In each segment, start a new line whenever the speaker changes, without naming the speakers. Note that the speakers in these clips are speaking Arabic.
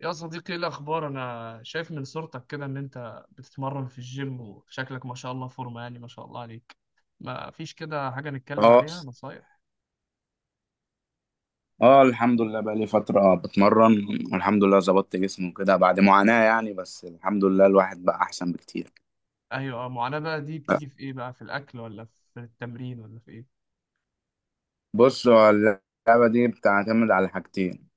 يا صديقي، ايه الاخبار؟ انا شايف من صورتك كده ان انت بتتمرن في الجيم، وشكلك ما شاء الله فورمه، يعني ما شاء الله عليك. ما فيش كده حاجه نتكلم
اه
عليها، نصايح؟
اه الحمد لله بقى لي فترة بتمرن. والحمد لله ظبطت جسمي وكده بعد معاناة، يعني بس الحمد لله الواحد بقى أحسن بكتير.
ايوه معاناه بقى دي بتيجي في ايه؟ بقى في الاكل ولا في التمرين ولا في ايه؟
بص، هو اللعبة دي بتعتمد على حاجتين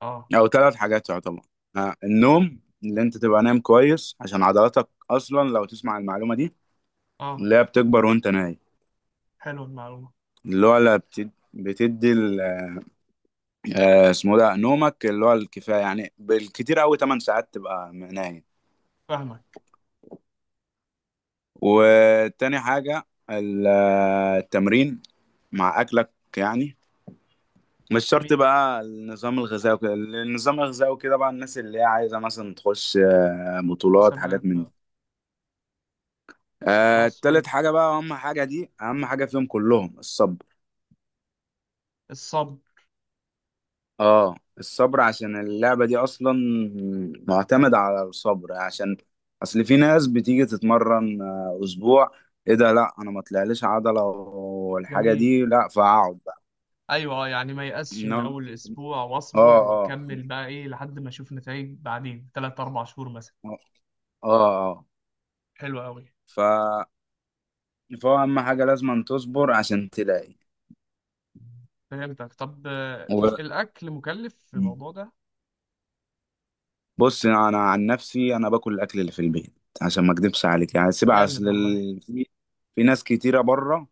اه.
أو ثلاث حاجات يعتبر. النوم اللي أنت تبقى نايم كويس عشان عضلاتك، أصلا لو تسمع المعلومة دي
اه.
اللي هي بتكبر وأنت نايم.
حلو المعلومه.
اللي هو لا بتد- بتدي ال- آه، اسمه ده نومك اللي هو الكفاية، يعني بالكتير أوي 8 ساعات تبقى نايم.
فاهمك.
وتاني حاجة التمرين مع أكلك، يعني مش شرط
جميل.
بقى النظام الغذائي وكده. النظام الغذائي وكده بقى الناس اللي هي عايزة مثلا تخش بطولات،
مسابقات
حاجات من دي.
بقى. خلاص حلو.
تالت حاجة بقى أهم حاجة، دي أهم حاجة فيهم كلهم، الصبر.
الصبر.
اه، الصبر عشان اللعبة دي أصلا معتمدة على الصبر، عشان أصل في ناس بتيجي تتمرن أسبوع، إيه ده؟ لأ، أنا ما طلعليش عضلة والحاجة
جميل.
دي، لأ، فأقعد بقى.
ايوه يعني ما يأسش من
إنما
اول اسبوع،
اه
واصبر
اه
واكمل بقى ايه لحد ما اشوف نتائج بعدين، 3 4 شهور مثلا.
اه اه
حلو قوي.
ف فهو اهم حاجه لازم تصبر عشان تلاقي
فهمتك. طب
و...
الأكل مكلف في الموضوع ده؟
بص، انا عن نفسي انا باكل الاكل اللي في البيت عشان ما اكدبش عليك، يعني سيب.
جامد والله.
في ناس كتيره بره.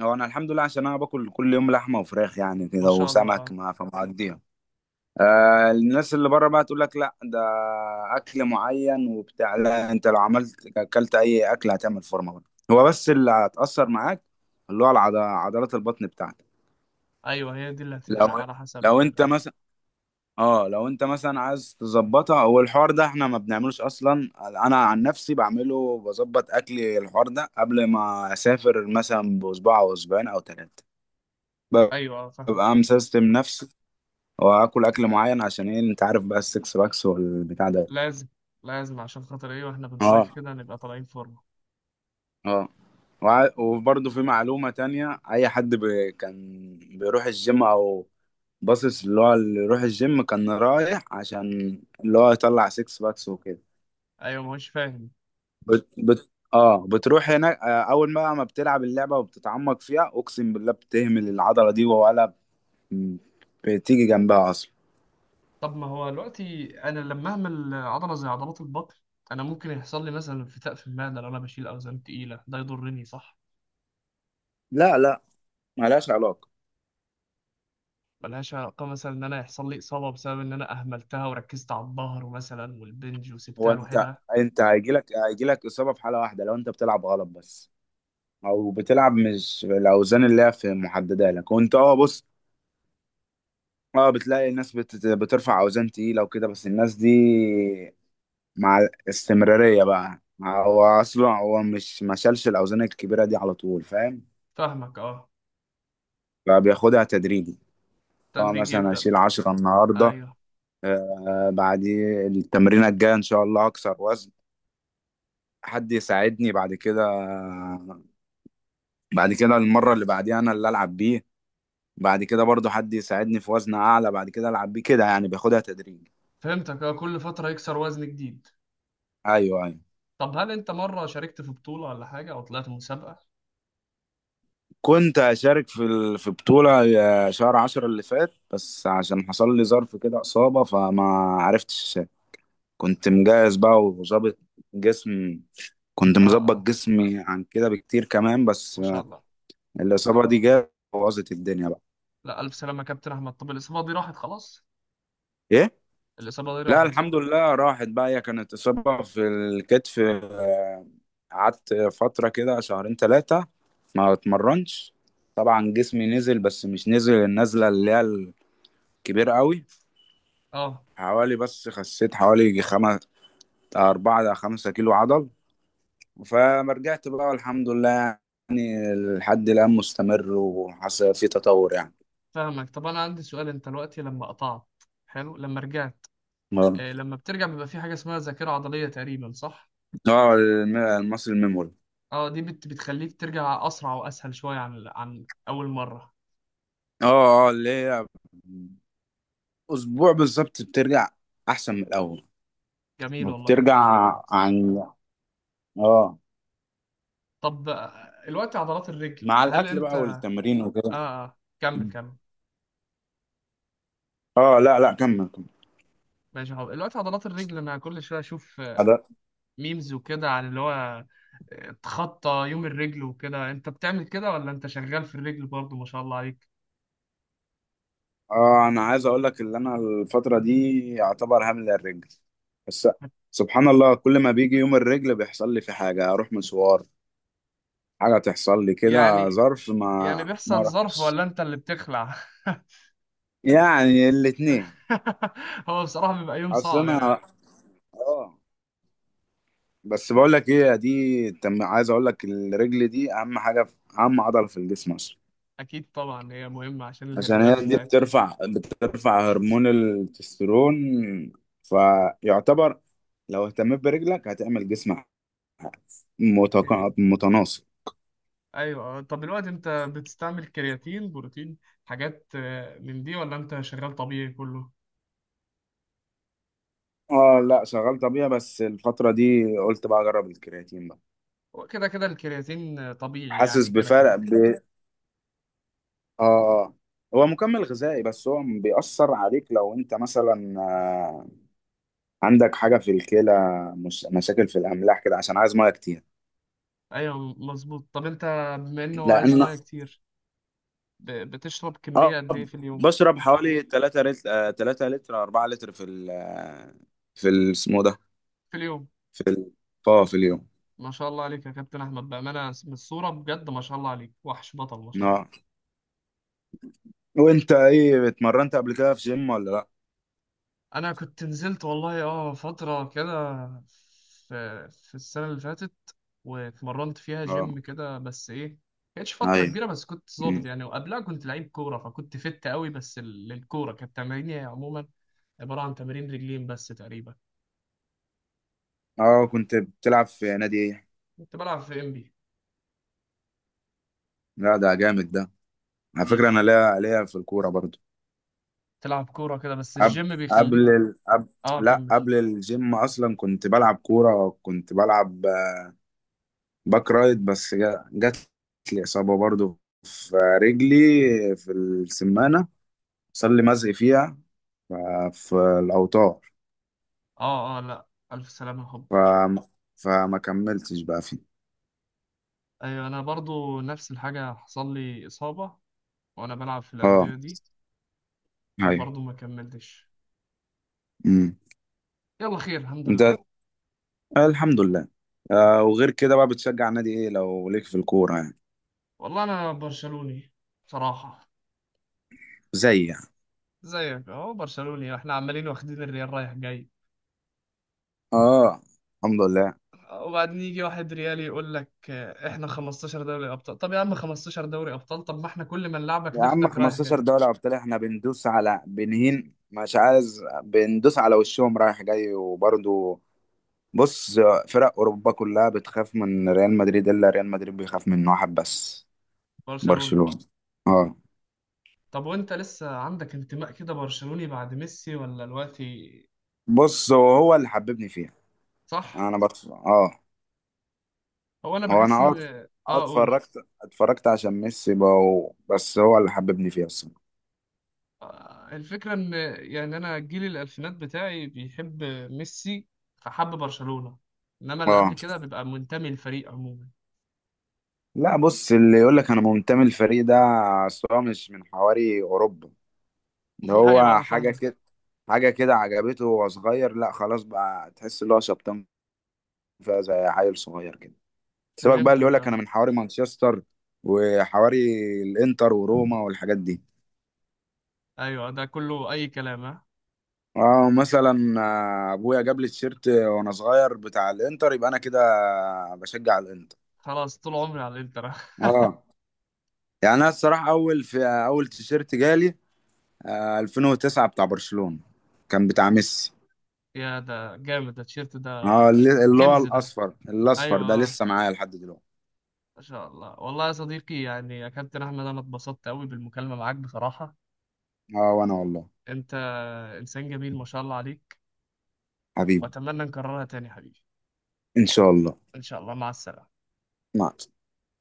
هو انا الحمد لله، عشان انا باكل كل يوم لحمه وفراخ يعني
ما
كده،
شاء الله.
وسمك،
اه.
ما فمقضيها. آه، الناس اللي بره بقى تقول لك لا، ده اكل معين وبتاع. لا، انت لو عملت اكلت اي اكل هتعمل فورمه برضه. هو بس اللي هتاثر معاك عضلات البطن بتاعتك.
أيوه، هي دي اللي
لو
هتفرق على
لو
حسب
انت
الأكل.
مثلا، اه، لو انت مثلا عايز تظبطها، هو الحوار ده احنا ما بنعملوش اصلا. انا عن نفسي بعمله، بظبط اكلي الحوار ده قبل ما اسافر مثلا باسبوع او اسبوعين او ثلاثه،
أيوه فاهم.
ببقى مسيستم نفسي واكل اكل معين عشان ايه؟ انت عارف بقى السكس باكس والبتاع ده.
لازم. لازم عشان خاطر إيه؟ وإحنا بنصيف
اه
كده نبقى طالعين فورمة.
اه وبرضه في معلومة تانية، أي حد كان بيروح الجيم أو باصص، اللي هو اللي يروح الجيم كان رايح عشان اللي هو يطلع سيكس باكس وكده.
أيوه، ما هوش فاهم.
بت... بت... اه بتروح هناك، اول ما بتلعب اللعبه وبتتعمق فيها، اقسم بالله بتهمل العضله دي ولا ب- بتيجي جنبها اصلا.
طب ما هو دلوقتي أنا لما أعمل عضلة زي عضلات البطن، أنا ممكن يحصل لي مثلا انفتاق في المعدة لو أنا بشيل أوزان تقيلة، ده يضرني صح؟
لا، لا، ملهاش علاقه.
ملهاش علاقة مثلا إن أنا يحصل لي إصابة بسبب إن أنا أهملتها وركزت على الظهر مثلا والبنج
هو
وسبتها
انت
لوحدها؟
انت هيجيلك، اصابه في حاله واحده لو انت بتلعب غلط بس، او بتلعب مش الاوزان اللي هي في محدده لك، وانت، اه، بص. اه، بتلاقي الناس بترفع اوزان تقيله وكده، بس الناس دي مع الاستمراريه بقى. هو اصلا هو مش ما شالش الاوزان الكبيره دي على طول، فاهم؟
فاهمك اه.
فبياخدها تدريجي. اه
التدريج
مثلا اشيل
يبدأ.
10 النهارده،
ايوه.
آه، بعديه التمرينه الجايه ان شاء الله اكسر وزن، حد يساعدني. بعد كده، بعد كده المره اللي بعديها انا اللي العب بيه، بعد كده برضو حد يساعدني في وزن اعلى، بعد كده العب بيه كده، يعني بياخدها تدريجي.
فهمتك اه، كل فترة يكسر وزن جديد.
ايوه، ايوه.
طب هل انت مرة شاركت في بطولة ولا حاجة، او طلعت مسابقة؟
كنت اشارك في في بطوله، شهر عشرة اللي فات، بس عشان حصل لي ظرف كده، اصابه، فما عرفتش أشارك. كنت مجهز بقى وظابط جسم، كنت
اه.
مظبط
اه.
جسمي عن كده بكتير كمان،
ما
بس
شاء الله.
الإصابة دي جت بوظت الدنيا بقى.
لا، الف سلامة يا كابتن احمد. طب الاصابة دي راحت خلاص؟
إيه؟
الاصابة دي
لا،
راحت
الحمد
صح؟
لله راحت بقى. هي كانت إصابة في الكتف، قعدت فترة كده شهرين ثلاثة ما اتمرنش. طبعا جسمي نزل، بس مش نزل النزلة اللي هي الكبيرة قوي.
اه
حوالي، بس خسيت حوالي أربعة إلى 5 كيلو عضل. فمرجعت بقى والحمد لله، يعني لحد الآن مستمر وحصل في تطور،
فاهمك. طب انا عندي سؤال، انت دلوقتي لما قطعت، حلو لما رجعت،
يعني.
آه لما بترجع بيبقى في حاجة اسمها ذاكرة عضلية تقريبا صح؟
اه، المصري الميموري.
اه، دي بتخليك ترجع اسرع واسهل شوية عن اول مرة.
اه اه، اللي هي اسبوع بالظبط بترجع احسن من الاول،
جميل والله،
وبترجع
ما شاء الله.
عن، اه،
طب الوقت عضلات الرجل
مع
هل
الاكل
انت
بقى
اه.
والتمرين وكده.
اه كمل كمل.
اه، لا، لا، كمل كمل.
ماشي يا حب. الوقت عضلات الرجل، انا كل شويه اشوف
أنا-
ميمز وكده عن اللي هو تخطى يوم الرجل وكده. انت بتعمل كده ولا انت شغال في الرجل برضه؟ ما شاء الله عليك.
اه، انا عايز اقول لك ان انا الفتره دي يعتبر هامل الرجل بس. سبحان الله، كل ما بيجي يوم الرجل بيحصل لي في حاجه، اروح مشوار، حاجه تحصل لي كده،
يعني،
ظرف، ما
يعني
ما
بيحصل ظرف
اروحش.
ولا انت اللي بتخلع؟
يعني الاتنين.
هو بصراحه بيبقى يوم
اصل
صعب يعني.
انا، اه، بس بقول لك ايه، دي تم. عايز اقول لك الرجل دي اهم حاجه في، اهم عضله في الجسم اصلا.
اكيد طبعا، هي مهمه عشان
عشان
الهرمونات
هي دي
بتاعتها.
بترفع هرمون التستيرون، فيعتبر لو اهتميت برجلك هتعمل جسم
جميل.
متناسق.
ايوه، طب دلوقتي انت بتستعمل كرياتين، بروتين، حاجات من دي، ولا انت شغال طبيعي كله؟
اه، لا، شغال طبيعي، بس الفتره دي قلت بقى اجرب الكرياتين بقى.
هو كده كده الكرياتين طبيعي
حاسس
يعني كده
بفرق.
كده.
ب... اه آه. هو مكمل غذائي، بس هو بيأثر عليك لو انت مثلا عندك حاجة في الكلى، مش... مشاكل في الأملاح كده، عشان عايز مية كتير.
ايوه مظبوط. طب انت، بما انه هو عايز
لأن،
ميه كتير، بتشرب كميه
اه،
قد ايه في اليوم؟
بشرب حوالي 3 لتر، 3 لتر 4 لتر في ال في ال- اسمه ده
في اليوم.
في ال... اه في اليوم.
ما شاء الله عليك يا كابتن احمد، بامانه من الصوره بجد ما شاء الله عليك، وحش بطل ما شاء الله.
اه، وانت ايه، اتمرنت قبل كده في جيم ولا لا؟
انا كنت نزلت والله اه فتره كده، في السنه اللي فاتت، واتمرنت فيها
اه،
جيم كده، بس ايه، كانتش فتره
ايوه.
كبيره، بس كنت ظابط
مم.
يعني. وقبلها كنت لعيب كوره فكنت فت قوي، بس للكوره كانت تماريني عموما عباره عن تمارين رجلين بس تقريبا.
اه، كنت بتلعب في نادي ايه؟
كنت بلعب في ام
لا، ده جامد ده. على فكرة
بي.
انا ليا في الكورة برضو.
تلعب كورة كده بس
قبل
الجيم
قبل
بيخليك.
ال... قبل
اه
لا،
كمل.
قبل الجيم اصلا كنت بلعب كورة، كنت بلعب باك رايت، بس جات لي إصابة برضو في رجلي، في السمانة، صار لي مزق فيها ف- في الأوتار.
اه اه. لا ألف سلامة يا حب.
ف... فما كملتش بقى فيه.
أيوة أنا برضو نفس الحاجة، حصل لي إصابة وأنا بلعب في
اه،
الأندية دي،
ايوه.
فبرضو ما كملتش.
امم
يلا خير الحمد
انت،
لله.
الحمد لله، وغير كده بقى، بتشجع نادي ايه لو ليك في الكورة يعني؟
والله أنا برشلوني بصراحة.
زي، يعني،
زيك أهو برشلوني، احنا عمالين واخدين الريال رايح جاي،
اه، الحمد لله.
وبعدين يجي واحد ريالي يقول لك احنا 15 دوري أبطال. طب يا عم 15 دوري أبطال، طب ما احنا كل ما نلعبك
يا عم،
ناخدك رايح جاي.
15 دوري ابطال، احنا بندوس على بنهين، مش عايز، بندوس على وشهم رايح جاي وبرضه. بص، فرق اوروبا كلها بتخاف من ريال مدريد، الا ريال مدريد بيخاف من واحد بس،
برشلونة.
برشلونة. اه.
طب وانت لسه عندك انتماء كده برشلوني بعد ميسي ولا دلوقتي؟
بص، هو اللي حببني فيها.
صح.
انا بطف... اه
هو انا
هو انا
بحس
اه
ان
آه،
اه اقول
اتفرجت عشان ميسي بقى، بس هو اللي حببني فيها الصراحة.
الفكره ان، يعني انا جيل الالفينات بتاعي بيحب ميسي، فحب برشلونه. انما اللي قبل
اه،
كده بيبقى منتمي للفريق عموما.
لا، بص، اللي يقول لك انا منتمي للفريق ده، أصل هو مش من حواري اوروبا. ده
ايوه
هو حاجة
فاهمك.
كده، حاجة كده عجبته وهو صغير، لا خلاص بقى، تحس ان هو شبطان فيها زي عيل صغير كده. سيبك بقى اللي يقول
فهمتك
لك انا
اه.
من حواري مانشستر، وحواري الانتر وروما والحاجات دي.
ايوه ده كله اي كلام، ها.
اه، مثلا ابويا جاب لي التيشيرت وانا صغير بتاع الانتر، يبقى انا كده بشجع الانتر.
خلاص طول عمري على الانتر.
اه، يعني انا الصراحه، اول، في اول تيشيرت جالي 2009 بتاع برشلونه، كان بتاع ميسي.
يا ده جامد ده، التيشيرت ده
اه، اللي هو
كنز ده.
الاصفر،
ايوه
ده
آه.
لسه معايا لحد دلوقتي.
ما شاء الله والله يا صديقي، يعني يا كابتن احمد، انا اتبسطت قوي بالمكالمة معاك بصراحة.
اه، وانا والله،
انت انسان جميل ما شاء الله عليك،
حبيبي،
واتمنى نكررها تاني يا حبيبي.
ان شاء الله.
ان شاء الله، مع السلامة.
مع